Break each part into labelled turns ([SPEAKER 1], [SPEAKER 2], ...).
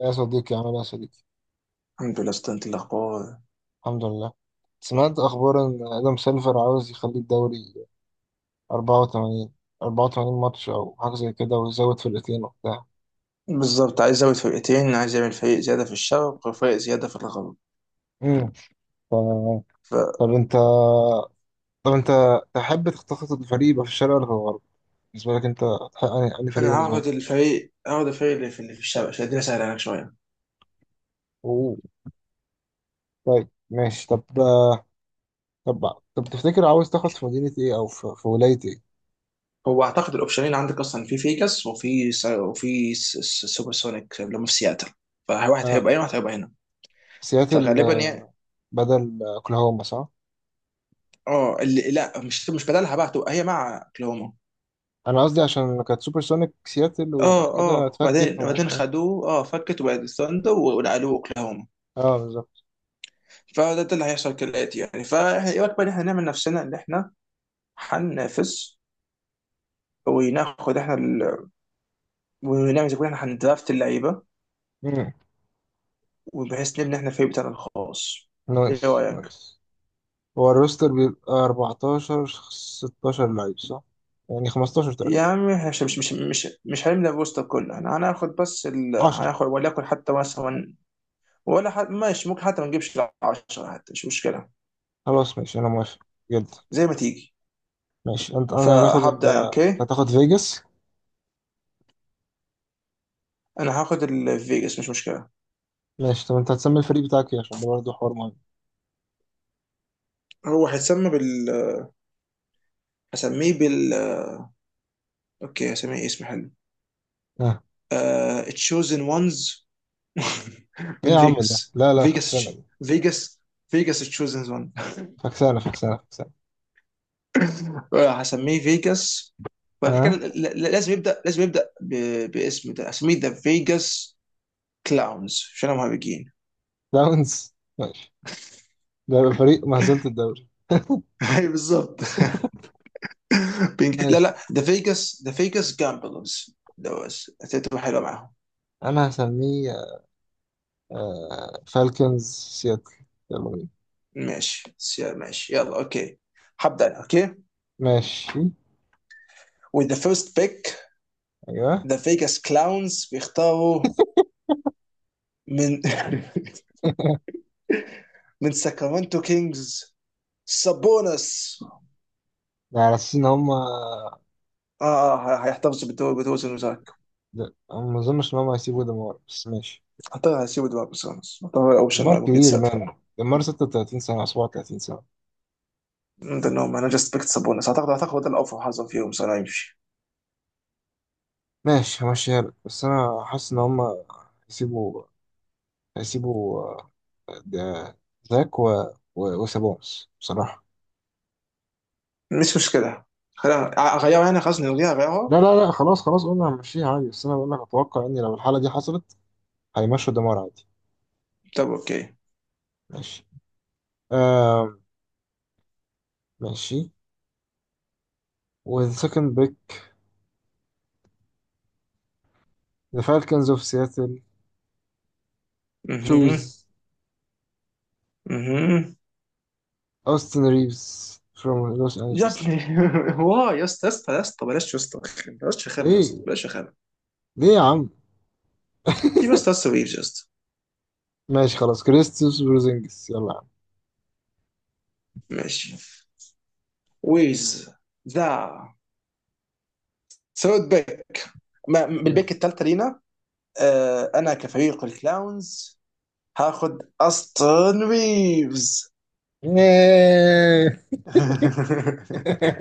[SPEAKER 1] يا صديقي عامل ايه يا صديقي؟
[SPEAKER 2] الحمد لله اسطى. انت الاخبار؟
[SPEAKER 1] الحمد لله. سمعت اخبار ان ادم سيلفر عاوز يخلي الدوري 84 84 ماتش او حاجه زي كده ويزود فرقتين وبتاع.
[SPEAKER 2] بالظبط، عايز ازود فرقتين، عايز اعمل فريق زياده في الشرق وفريق زياده في الغرب.
[SPEAKER 1] امم
[SPEAKER 2] فانا
[SPEAKER 1] طب انت طب انت تحب تخطط الفريق يبقى في الشرق ولا في الغرب؟ بالنسبه لك انت هتحقق أنهي فريق بالنسبه لك
[SPEAKER 2] هاخد
[SPEAKER 1] احسن؟
[SPEAKER 2] الفريق هاخد الفريق اللي في الشرق عشان الدنيا سهله عليك شويه.
[SPEAKER 1] أوه. طيب ماشي، طب تفتكر عاوز تاخد في مدينه ايه او في ولايه ايه؟
[SPEAKER 2] هو اعتقد الاوبشنين عندك اصلا في فيجاس سوبر سونيك اللي هم في سياتل، فواحد
[SPEAKER 1] آه.
[SPEAKER 2] هيبقى هنا وواحد هيبقى هنا،
[SPEAKER 1] سياتل
[SPEAKER 2] فغالبا يعني.
[SPEAKER 1] بدل اوكلاهوما صح؟
[SPEAKER 2] اه اللي لا، مش بدلها بقى، هتبقى هي مع اوكلاهوما.
[SPEAKER 1] انا قصدي عشان كانت سوبر سونيك سياتل
[SPEAKER 2] اه
[SPEAKER 1] وبعد كده
[SPEAKER 2] اه،
[SPEAKER 1] اتفكت
[SPEAKER 2] وبعدين
[SPEAKER 1] وما
[SPEAKER 2] وبعدين
[SPEAKER 1] اعرفش إيه.
[SPEAKER 2] خدوه اه، فكت، وبعدين ثاندر ونقلوه اوكلاهوما.
[SPEAKER 1] اه بالظبط.
[SPEAKER 2] فده ده اللي هيحصل كالآتي يعني. فاحنا ايه بقى، إن احنا نعمل نفسنا ان احنا هننافس وناخد احنا ال... ونعمل زي ما احنا هندرافت اللعيبه،
[SPEAKER 1] مم.
[SPEAKER 2] وبحيث نبني احنا الفريق بتاعنا الخاص. ايه
[SPEAKER 1] نايس
[SPEAKER 2] رايك؟
[SPEAKER 1] نايس. هو الروستر بيبقى 14 16 لعيب صح؟ يعني 15
[SPEAKER 2] يا
[SPEAKER 1] تقريبا.
[SPEAKER 2] عم احنا مش هنبني الروستر كله، احنا هناخد بس ال...
[SPEAKER 1] 10.
[SPEAKER 2] هناخد وليكن حتى مثلا ولا حد ماشي، ممكن حتى ما نجيبش 10 حتى مش مشكله،
[SPEAKER 1] خلاص ماشي انا موافق جدا.
[SPEAKER 2] زي ما تيجي.
[SPEAKER 1] ماشي انت، انا هتاخد ال،
[SPEAKER 2] فهبدا انا اوكي.
[SPEAKER 1] هتاخد فيجاس.
[SPEAKER 2] انا هاخد الفيجاس مش مشكله.
[SPEAKER 1] ماشي طب انت هتسمي الفريق بتاعك ايه، عشان ده برضه حوار مهم؟
[SPEAKER 2] هو هيتسمى بال، هسميه بال، اوكي هسميه اسم حلو:
[SPEAKER 1] اه.
[SPEAKER 2] تشوزن وانز
[SPEAKER 1] ايه
[SPEAKER 2] من
[SPEAKER 1] يا عم ده؟
[SPEAKER 2] فيجاس.
[SPEAKER 1] لا لا، فكسانة
[SPEAKER 2] فيجاس
[SPEAKER 1] دي.
[SPEAKER 2] فيجاس فيجاس تشوزن وان.
[SPEAKER 1] فكسانة فكسانة فكسانة.
[SPEAKER 2] هسميه فيجاس، وبعد
[SPEAKER 1] اه،
[SPEAKER 2] كده لازم يبدا، لازم يبدا باسم، ده هسميه ذا فيجاس كلاونز عشان هم هابجين.
[SPEAKER 1] داونز ماشي. ده يبقى فريق مهزلة الدوري.
[SPEAKER 2] اي بالظبط لا
[SPEAKER 1] ماشي.
[SPEAKER 2] لا، ذا فيجاس، ذا فيجاس جامبلرز ده بس هتبقى حلوه معاهم.
[SPEAKER 1] انا هسميه فالكنز سياتل. يلا بينا.
[SPEAKER 2] ماشي ماشي يلا اوكي. هبدا انا اوكي
[SPEAKER 1] ماشي.
[SPEAKER 2] with the first pick.
[SPEAKER 1] ايوه.
[SPEAKER 2] the Vegas Clowns بيختاروا من من ساكرامنتو كينجز: سابونس.
[SPEAKER 1] ده على اساس ان هم.
[SPEAKER 2] اه، هيحتفظ بالدوري بتوزن وزاك.
[SPEAKER 1] أنا ما اظنش ان هم هيسيبوا ديمار، بس ماشي.
[SPEAKER 2] اعتقد هيسيبوا دماغ بسونس، اعتقد الاوبشن
[SPEAKER 1] ديمار
[SPEAKER 2] اللي ممكن
[SPEAKER 1] كبير
[SPEAKER 2] يتساب
[SPEAKER 1] مان، ديمار 36 سنة 37 سنة.
[SPEAKER 2] انهم انا جاست بيكت سابونس، اعتقد اعتقد ده الافضل حظا فيهم سنة يمشي.
[SPEAKER 1] ماشي همشيها لك، بس انا حاسس ان هم هيسيبوا هيسيبوا ده- زاك وسابونس بصراحة.
[SPEAKER 2] مش مشكله، خلينا اغيرها يعني، خلاص نلغيها غيرها.
[SPEAKER 1] لا لا لا، خلاص خلاص قلنا هنمشيها عادي، بس انا بقول لك اتوقع ان لو الحالة دي حصلت هيمشوا ديمار عادي.
[SPEAKER 2] طب اوكي.
[SPEAKER 1] ماشي. آه. ماشي. والسكند بيك ذا فالكنز اوف سياتل
[SPEAKER 2] اها.
[SPEAKER 1] تشوز
[SPEAKER 2] اها.
[SPEAKER 1] اوستن ريفز from Los
[SPEAKER 2] يا
[SPEAKER 1] Angeles.
[SPEAKER 2] ابني واي، يا اسطى يا اسطى يا اسطى بلاش، يا اسطى بلاش رخامه، يا اسطى
[SPEAKER 1] ليه؟
[SPEAKER 2] بلاش رخامه.
[SPEAKER 1] ليه يا عم؟
[SPEAKER 2] في بس تاسو ريفز يا اسطى.
[SPEAKER 1] ماشي خلاص، كريستوس بروزينجس، يلا يا عم.
[SPEAKER 2] ماشي، ويز ذا سوت بيك،
[SPEAKER 1] تمام.
[SPEAKER 2] بالبيك الثالثه لينا. آه، انا كفريق الكلاونز هاخد استون ريفز.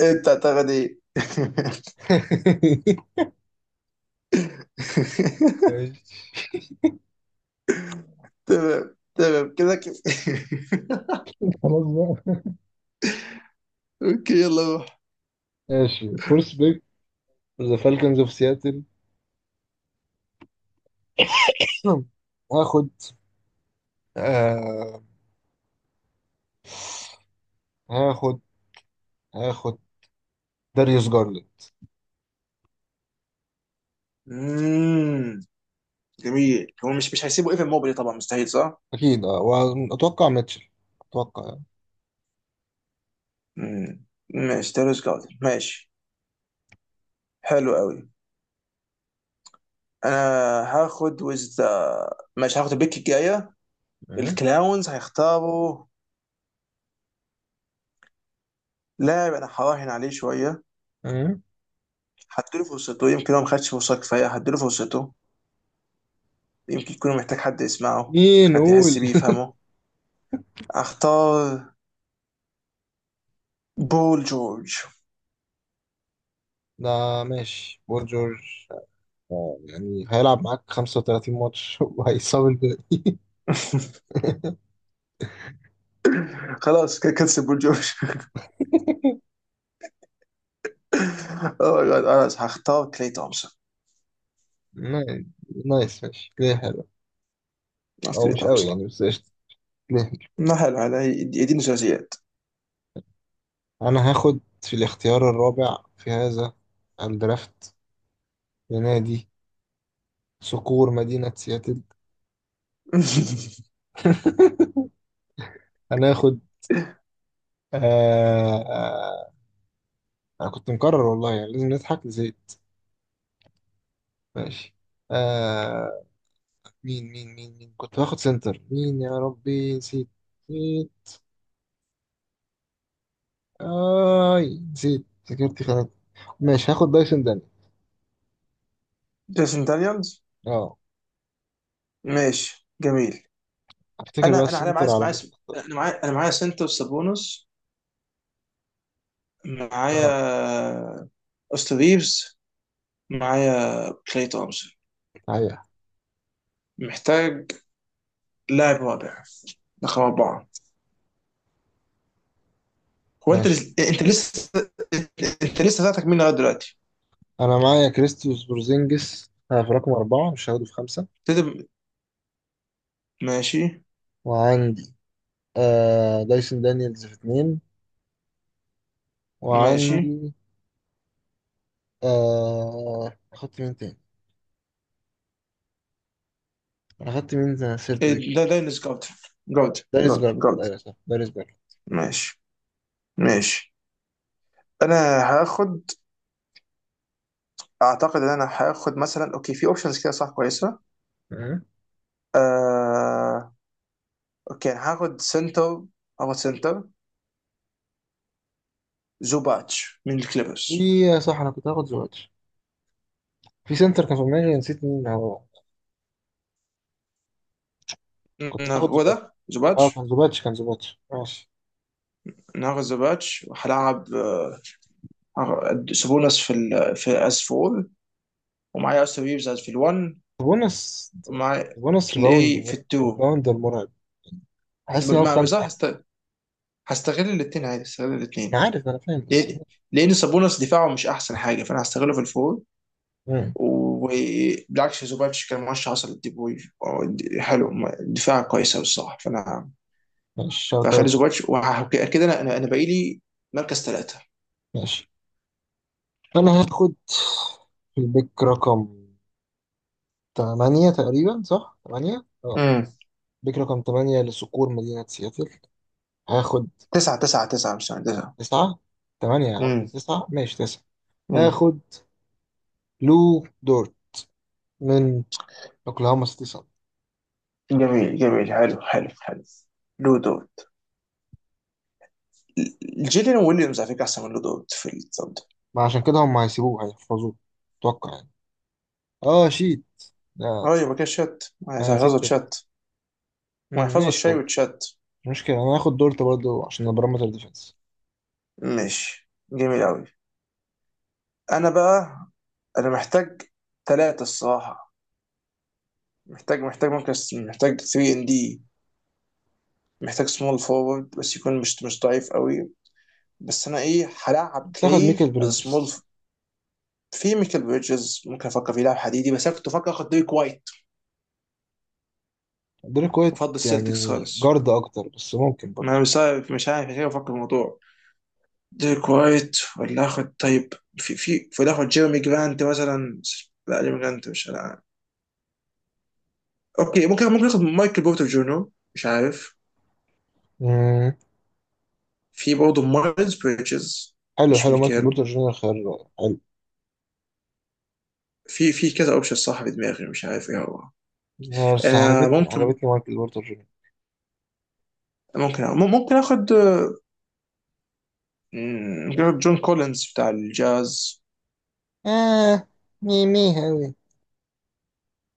[SPEAKER 2] انت تعتقد ايه؟
[SPEAKER 1] ماشي.
[SPEAKER 2] تمام تمام كده كده.
[SPEAKER 1] خلاص بقى.
[SPEAKER 2] اوكي يلا روح.
[SPEAKER 1] ماشي، فورس بيك ذا فالكنز اوف سياتل هاخد، آه هاخد هاخد داريوس جارلاند.
[SPEAKER 2] مم، جميل. هو مش هيسيبوا ايفن موبلي طبعا، مستحيل صح؟
[SPEAKER 1] اكيد اه. واتوقع ميتشل، اتوقع يعني.
[SPEAKER 2] مم. ماشي تيرس جاردن ماشي، حلو قوي. انا هاخد وذ، ماشي هاخد البيك الجايه.
[SPEAKER 1] أه؟
[SPEAKER 2] الكلاونز هيختاروا لاعب انا هراهن عليه شويه،
[SPEAKER 1] أه؟
[SPEAKER 2] هديله فرصته، يمكن هو ما خدش فرصه كفايه، هديله فرصته، يمكن يكون محتاج حد يسمعه،
[SPEAKER 1] مين
[SPEAKER 2] محتاج حد يحس
[SPEAKER 1] قول؟
[SPEAKER 2] بيه يفهمه. اختار بول جورج.
[SPEAKER 1] ده، ماشي بول جورج. آه، يعني هيلعب معاك 35 ماتش وهيصاب الباقي.
[SPEAKER 2] خلاص كنسل بول جورج. اوه ماي جاد، خلاص هختار كلي تومسون.
[SPEAKER 1] نايس. نايس ماشي كده حلو.
[SPEAKER 2] اختار
[SPEAKER 1] او
[SPEAKER 2] كلي
[SPEAKER 1] مش قوي
[SPEAKER 2] تومسون.
[SPEAKER 1] يعني، بس قشطة. ليه؟
[SPEAKER 2] ما حلو حلو، يديني ثلاثيات.
[SPEAKER 1] انا هاخد في الاختيار الرابع في هذا الدرافت لنادي صقور مدينة سياتل. انا هاخد، آه آه انا كنت مكرر والله، يعني لازم نضحك زيت. ماشي. آه. مين كنت هاخد سنتر، مين يا ربي نسيت. نسيت. اي نسيت، ذاكرتي خانت. ماشي هاخد دايسون داني.
[SPEAKER 2] جيسون دانيالز
[SPEAKER 1] اه.
[SPEAKER 2] ماشي جميل.
[SPEAKER 1] افتكر بقى
[SPEAKER 2] انا على معايا
[SPEAKER 1] السنتر على
[SPEAKER 2] معايا
[SPEAKER 1] ما تختار.
[SPEAKER 2] انا معايا، انا معايا سنتر سابونس، معايا
[SPEAKER 1] اه.
[SPEAKER 2] أوستن ريفز، معايا كلاي تومسون.
[SPEAKER 1] صحيح.
[SPEAKER 2] محتاج لاعب رابع، رقم أربعة. هو
[SPEAKER 1] ماشي،
[SPEAKER 2] أنت لسه، أنت لسه ذاتك مين لغاية دلوقتي؟
[SPEAKER 1] انا معايا كريستوس بورزينجس، آه، في رقم أربعة، مش هاخده في خمسة.
[SPEAKER 2] تدم... ماشي.
[SPEAKER 1] وعندي آه دايسون دانييلز في اتنين.
[SPEAKER 2] ماشي.
[SPEAKER 1] وعندي، آه، أخدت مين تاني؟ أنا أخدت مين سيرت بيك؟
[SPEAKER 2] إيه، ده داينس جود، جود
[SPEAKER 1] داريس
[SPEAKER 2] جود
[SPEAKER 1] جارد،
[SPEAKER 2] جود.
[SPEAKER 1] أيوة صح داريس جارد.
[SPEAKER 2] ماشي. ماشي. أنا هاخد، أعتقد إن أنا هاخد مثلا، أوكي في أوبشنز كده صح كويسة.
[SPEAKER 1] آه.
[SPEAKER 2] آه... أوكي أنا هاخد سنتر، هاخد سنتر زوباتش من الكليبرز.
[SPEAKER 1] في آه، صح، أنا كنت هاخد زوباتش في سنتر، كان في دماغي نسيت مين هو. كنت هاخد
[SPEAKER 2] هو ده
[SPEAKER 1] زوباتش. أه
[SPEAKER 2] زوباتش.
[SPEAKER 1] كان زوباتش كان زوباتش ماشي.
[SPEAKER 2] النهارده ذا باتش، وهلعب آه، سابونس في ال في اس 4، ومعايا اوستن ريفز في ال1،
[SPEAKER 1] بونس.
[SPEAKER 2] ومعايا
[SPEAKER 1] بونس ريباوند
[SPEAKER 2] كلاي في ال2.
[SPEAKER 1] ريباوند المرعب. حاسس إن هو في خمسة
[SPEAKER 2] صح.
[SPEAKER 1] أحسن.
[SPEAKER 2] هستغل الاثنين عادي، هستغل
[SPEAKER 1] أنا
[SPEAKER 2] الاثنين.
[SPEAKER 1] عارف، أنا فاهم بس
[SPEAKER 2] لان
[SPEAKER 1] هو.
[SPEAKER 2] لأن سابونس دفاعه مش احسن حاجه، فانا هستغله في الفور.
[SPEAKER 1] مم.
[SPEAKER 2] وبالعكس زوباتش كان مرشح اصلا للديبوي، حلو، دفاع كويس قوي الصراحه، فانا
[SPEAKER 1] ماشي شوت
[SPEAKER 2] فاخلي
[SPEAKER 1] أوت.
[SPEAKER 2] زوباتش. وكده انا انا أنا باقي لي مركز ثلاثه.
[SPEAKER 1] ماشي، انا هاخد البيك رقم 8 تقريبا صح 8 اه.
[SPEAKER 2] امم،
[SPEAKER 1] بيك رقم 8 لصقور مدينة سياتل. هاخد
[SPEAKER 2] تسعه مش تسعه.
[SPEAKER 1] 9. 8 يا عم،
[SPEAKER 2] امم.
[SPEAKER 1] 9، ماشي 9. هاخد لو دورت من اوكلاهوما سيتي سان.
[SPEAKER 2] جميل جميل، حلو حلو. لو دوت جيلين ويليامز على فكره احسن من لو دوت في الطب ده.
[SPEAKER 1] ما عشان كده هم هيسيبوه هيحفظوه، اتوقع يعني. اه شيت. اه
[SPEAKER 2] اه يبقى
[SPEAKER 1] صح.
[SPEAKER 2] كده شات،
[SPEAKER 1] انا
[SPEAKER 2] هيحفظوا
[SPEAKER 1] نسيت فين.
[SPEAKER 2] تشات.
[SPEAKER 1] مم،
[SPEAKER 2] وهيحفظوا
[SPEAKER 1] ماشي
[SPEAKER 2] الشاي
[SPEAKER 1] خلاص.
[SPEAKER 2] وتشات.
[SPEAKER 1] مش مشكلة، انا هاخد دورت برضه عشان البارامتر ديفense.
[SPEAKER 2] ماشي جميل قوي. انا بقى انا محتاج ثلاثة الصراحة. محتاج مركز، محتاج 3 ان دي، محتاج سمول فورورد بس يكون مش ضعيف قوي. بس انا ايه، هلعب
[SPEAKER 1] تاخد ميكل
[SPEAKER 2] كلاي از سمول.
[SPEAKER 1] بريدجز.
[SPEAKER 2] في ميكل بريدجز ممكن افكر فيه، لاعب حديدي، بس انا كنت بفكر اخد ديريك وايت
[SPEAKER 1] دريك وايت
[SPEAKER 2] وافضل السلتكس
[SPEAKER 1] يعني
[SPEAKER 2] خالص.
[SPEAKER 1] جارد اكتر، بس ممكن
[SPEAKER 2] ما
[SPEAKER 1] برضه.
[SPEAKER 2] أنا مش عارف، مش عارف كيف افكر في الموضوع. ديريك وايت ولا اخد طيب، في ولا اخد جيرمي جرانت مثلا. لا جيرمي جرانت مش، انا عارف. اوكي ممكن، ممكن اخد مايكل بورتر جونو، مش عارف، في برضه مارز بريدجز.
[SPEAKER 1] حلو،
[SPEAKER 2] مش
[SPEAKER 1] حلو، مايكل
[SPEAKER 2] ميكيل.
[SPEAKER 1] بورتر جونيور خيار حلو.
[SPEAKER 2] في في كذا اوبشن صح في دماغي، مش عارف ايه هو.
[SPEAKER 1] بس
[SPEAKER 2] انا
[SPEAKER 1] عجبتني،
[SPEAKER 2] ممكن،
[SPEAKER 1] عجبتني مايكل بورتر جونيور.
[SPEAKER 2] ممكن اخد، مم، ممكن اخد جون كولينز بتاع الجاز.
[SPEAKER 1] آه ميمي أوي.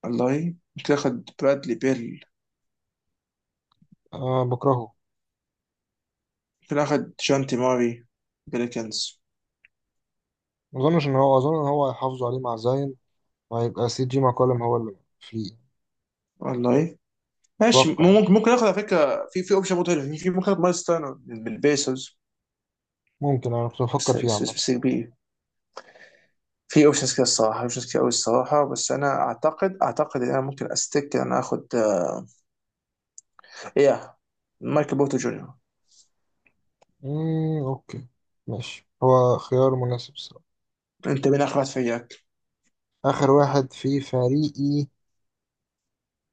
[SPEAKER 2] والله ممكن اخد برادلي بيل.
[SPEAKER 1] آه بكرهه.
[SPEAKER 2] ممكن اخد جونتي ماري بيليكنز.
[SPEAKER 1] ما أظنش إن هو، أظن إن هو هيحافظوا عليه مع زاين وهيبقى سي جي ماكولم هو اللي فري.
[SPEAKER 2] والله ماشي،
[SPEAKER 1] أتوقع.
[SPEAKER 2] ممكن ممكن اخد على فكره، في اوبشن برضه حلو. في ممكن اخد مايلز تيرنر بالبيسوس.
[SPEAKER 1] ممكن. أنا كنت بفكر
[SPEAKER 2] بس
[SPEAKER 1] فيه
[SPEAKER 2] بس بس,
[SPEAKER 1] عامة.
[SPEAKER 2] بس بي. في اوبشنز كده الصراحه، اوبشنز كده قوي الصراحه، بس انا اعتقد ان انا ممكن استك ان انا اخد آه، ايه، مايكل بورتو جونيور.
[SPEAKER 1] مم، أوكي. ماشي، هو خيار مناسب الصراحة.
[SPEAKER 2] انت مين اخر واحد في اياك؟
[SPEAKER 1] آخر واحد في فريقي،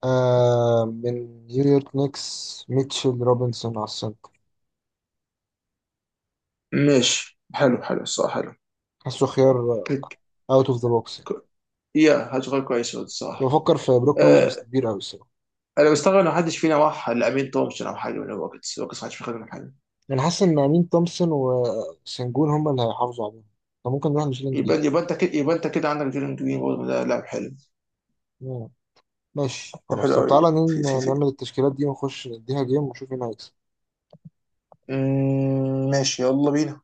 [SPEAKER 1] آه، من نيويورك نيكس ميتشل روبنسون على السنتر.
[SPEAKER 2] ماشي، حلو الصراحه حلو.
[SPEAKER 1] حاسه خيار
[SPEAKER 2] كليك.
[SPEAKER 1] أوت أوف ذا بوكس.
[SPEAKER 2] ك- يا هتغير كويس
[SPEAKER 1] كنت
[SPEAKER 2] الصراحه.
[SPEAKER 1] بفكر في بروك لوبيز بس
[SPEAKER 2] أه
[SPEAKER 1] كبير أوي الصراحة.
[SPEAKER 2] انا مستغرب ان محدش فينا راح لامين تومسون او حاجه. من الوقت محدش بيخدم حاجه.
[SPEAKER 1] انا حاسس ان امين تومسون وسنجون هم اللي هيحافظوا عليهم، فممكن نروح نشيلين
[SPEAKER 2] يبقى
[SPEAKER 1] جرين.
[SPEAKER 2] يبقى انت كده يبقى انت كده عندك جيرن جرين برضه، ده لاعب حلو.
[SPEAKER 1] مم. ماشي
[SPEAKER 2] لاعب
[SPEAKER 1] خلاص،
[SPEAKER 2] حلو
[SPEAKER 1] طب
[SPEAKER 2] قوي.
[SPEAKER 1] تعالى
[SPEAKER 2] في في في
[SPEAKER 1] نعمل التشكيلات دي ونخش نديها جيم ونشوف مين هيكسب.
[SPEAKER 2] أمم، ماشي يلا بينا.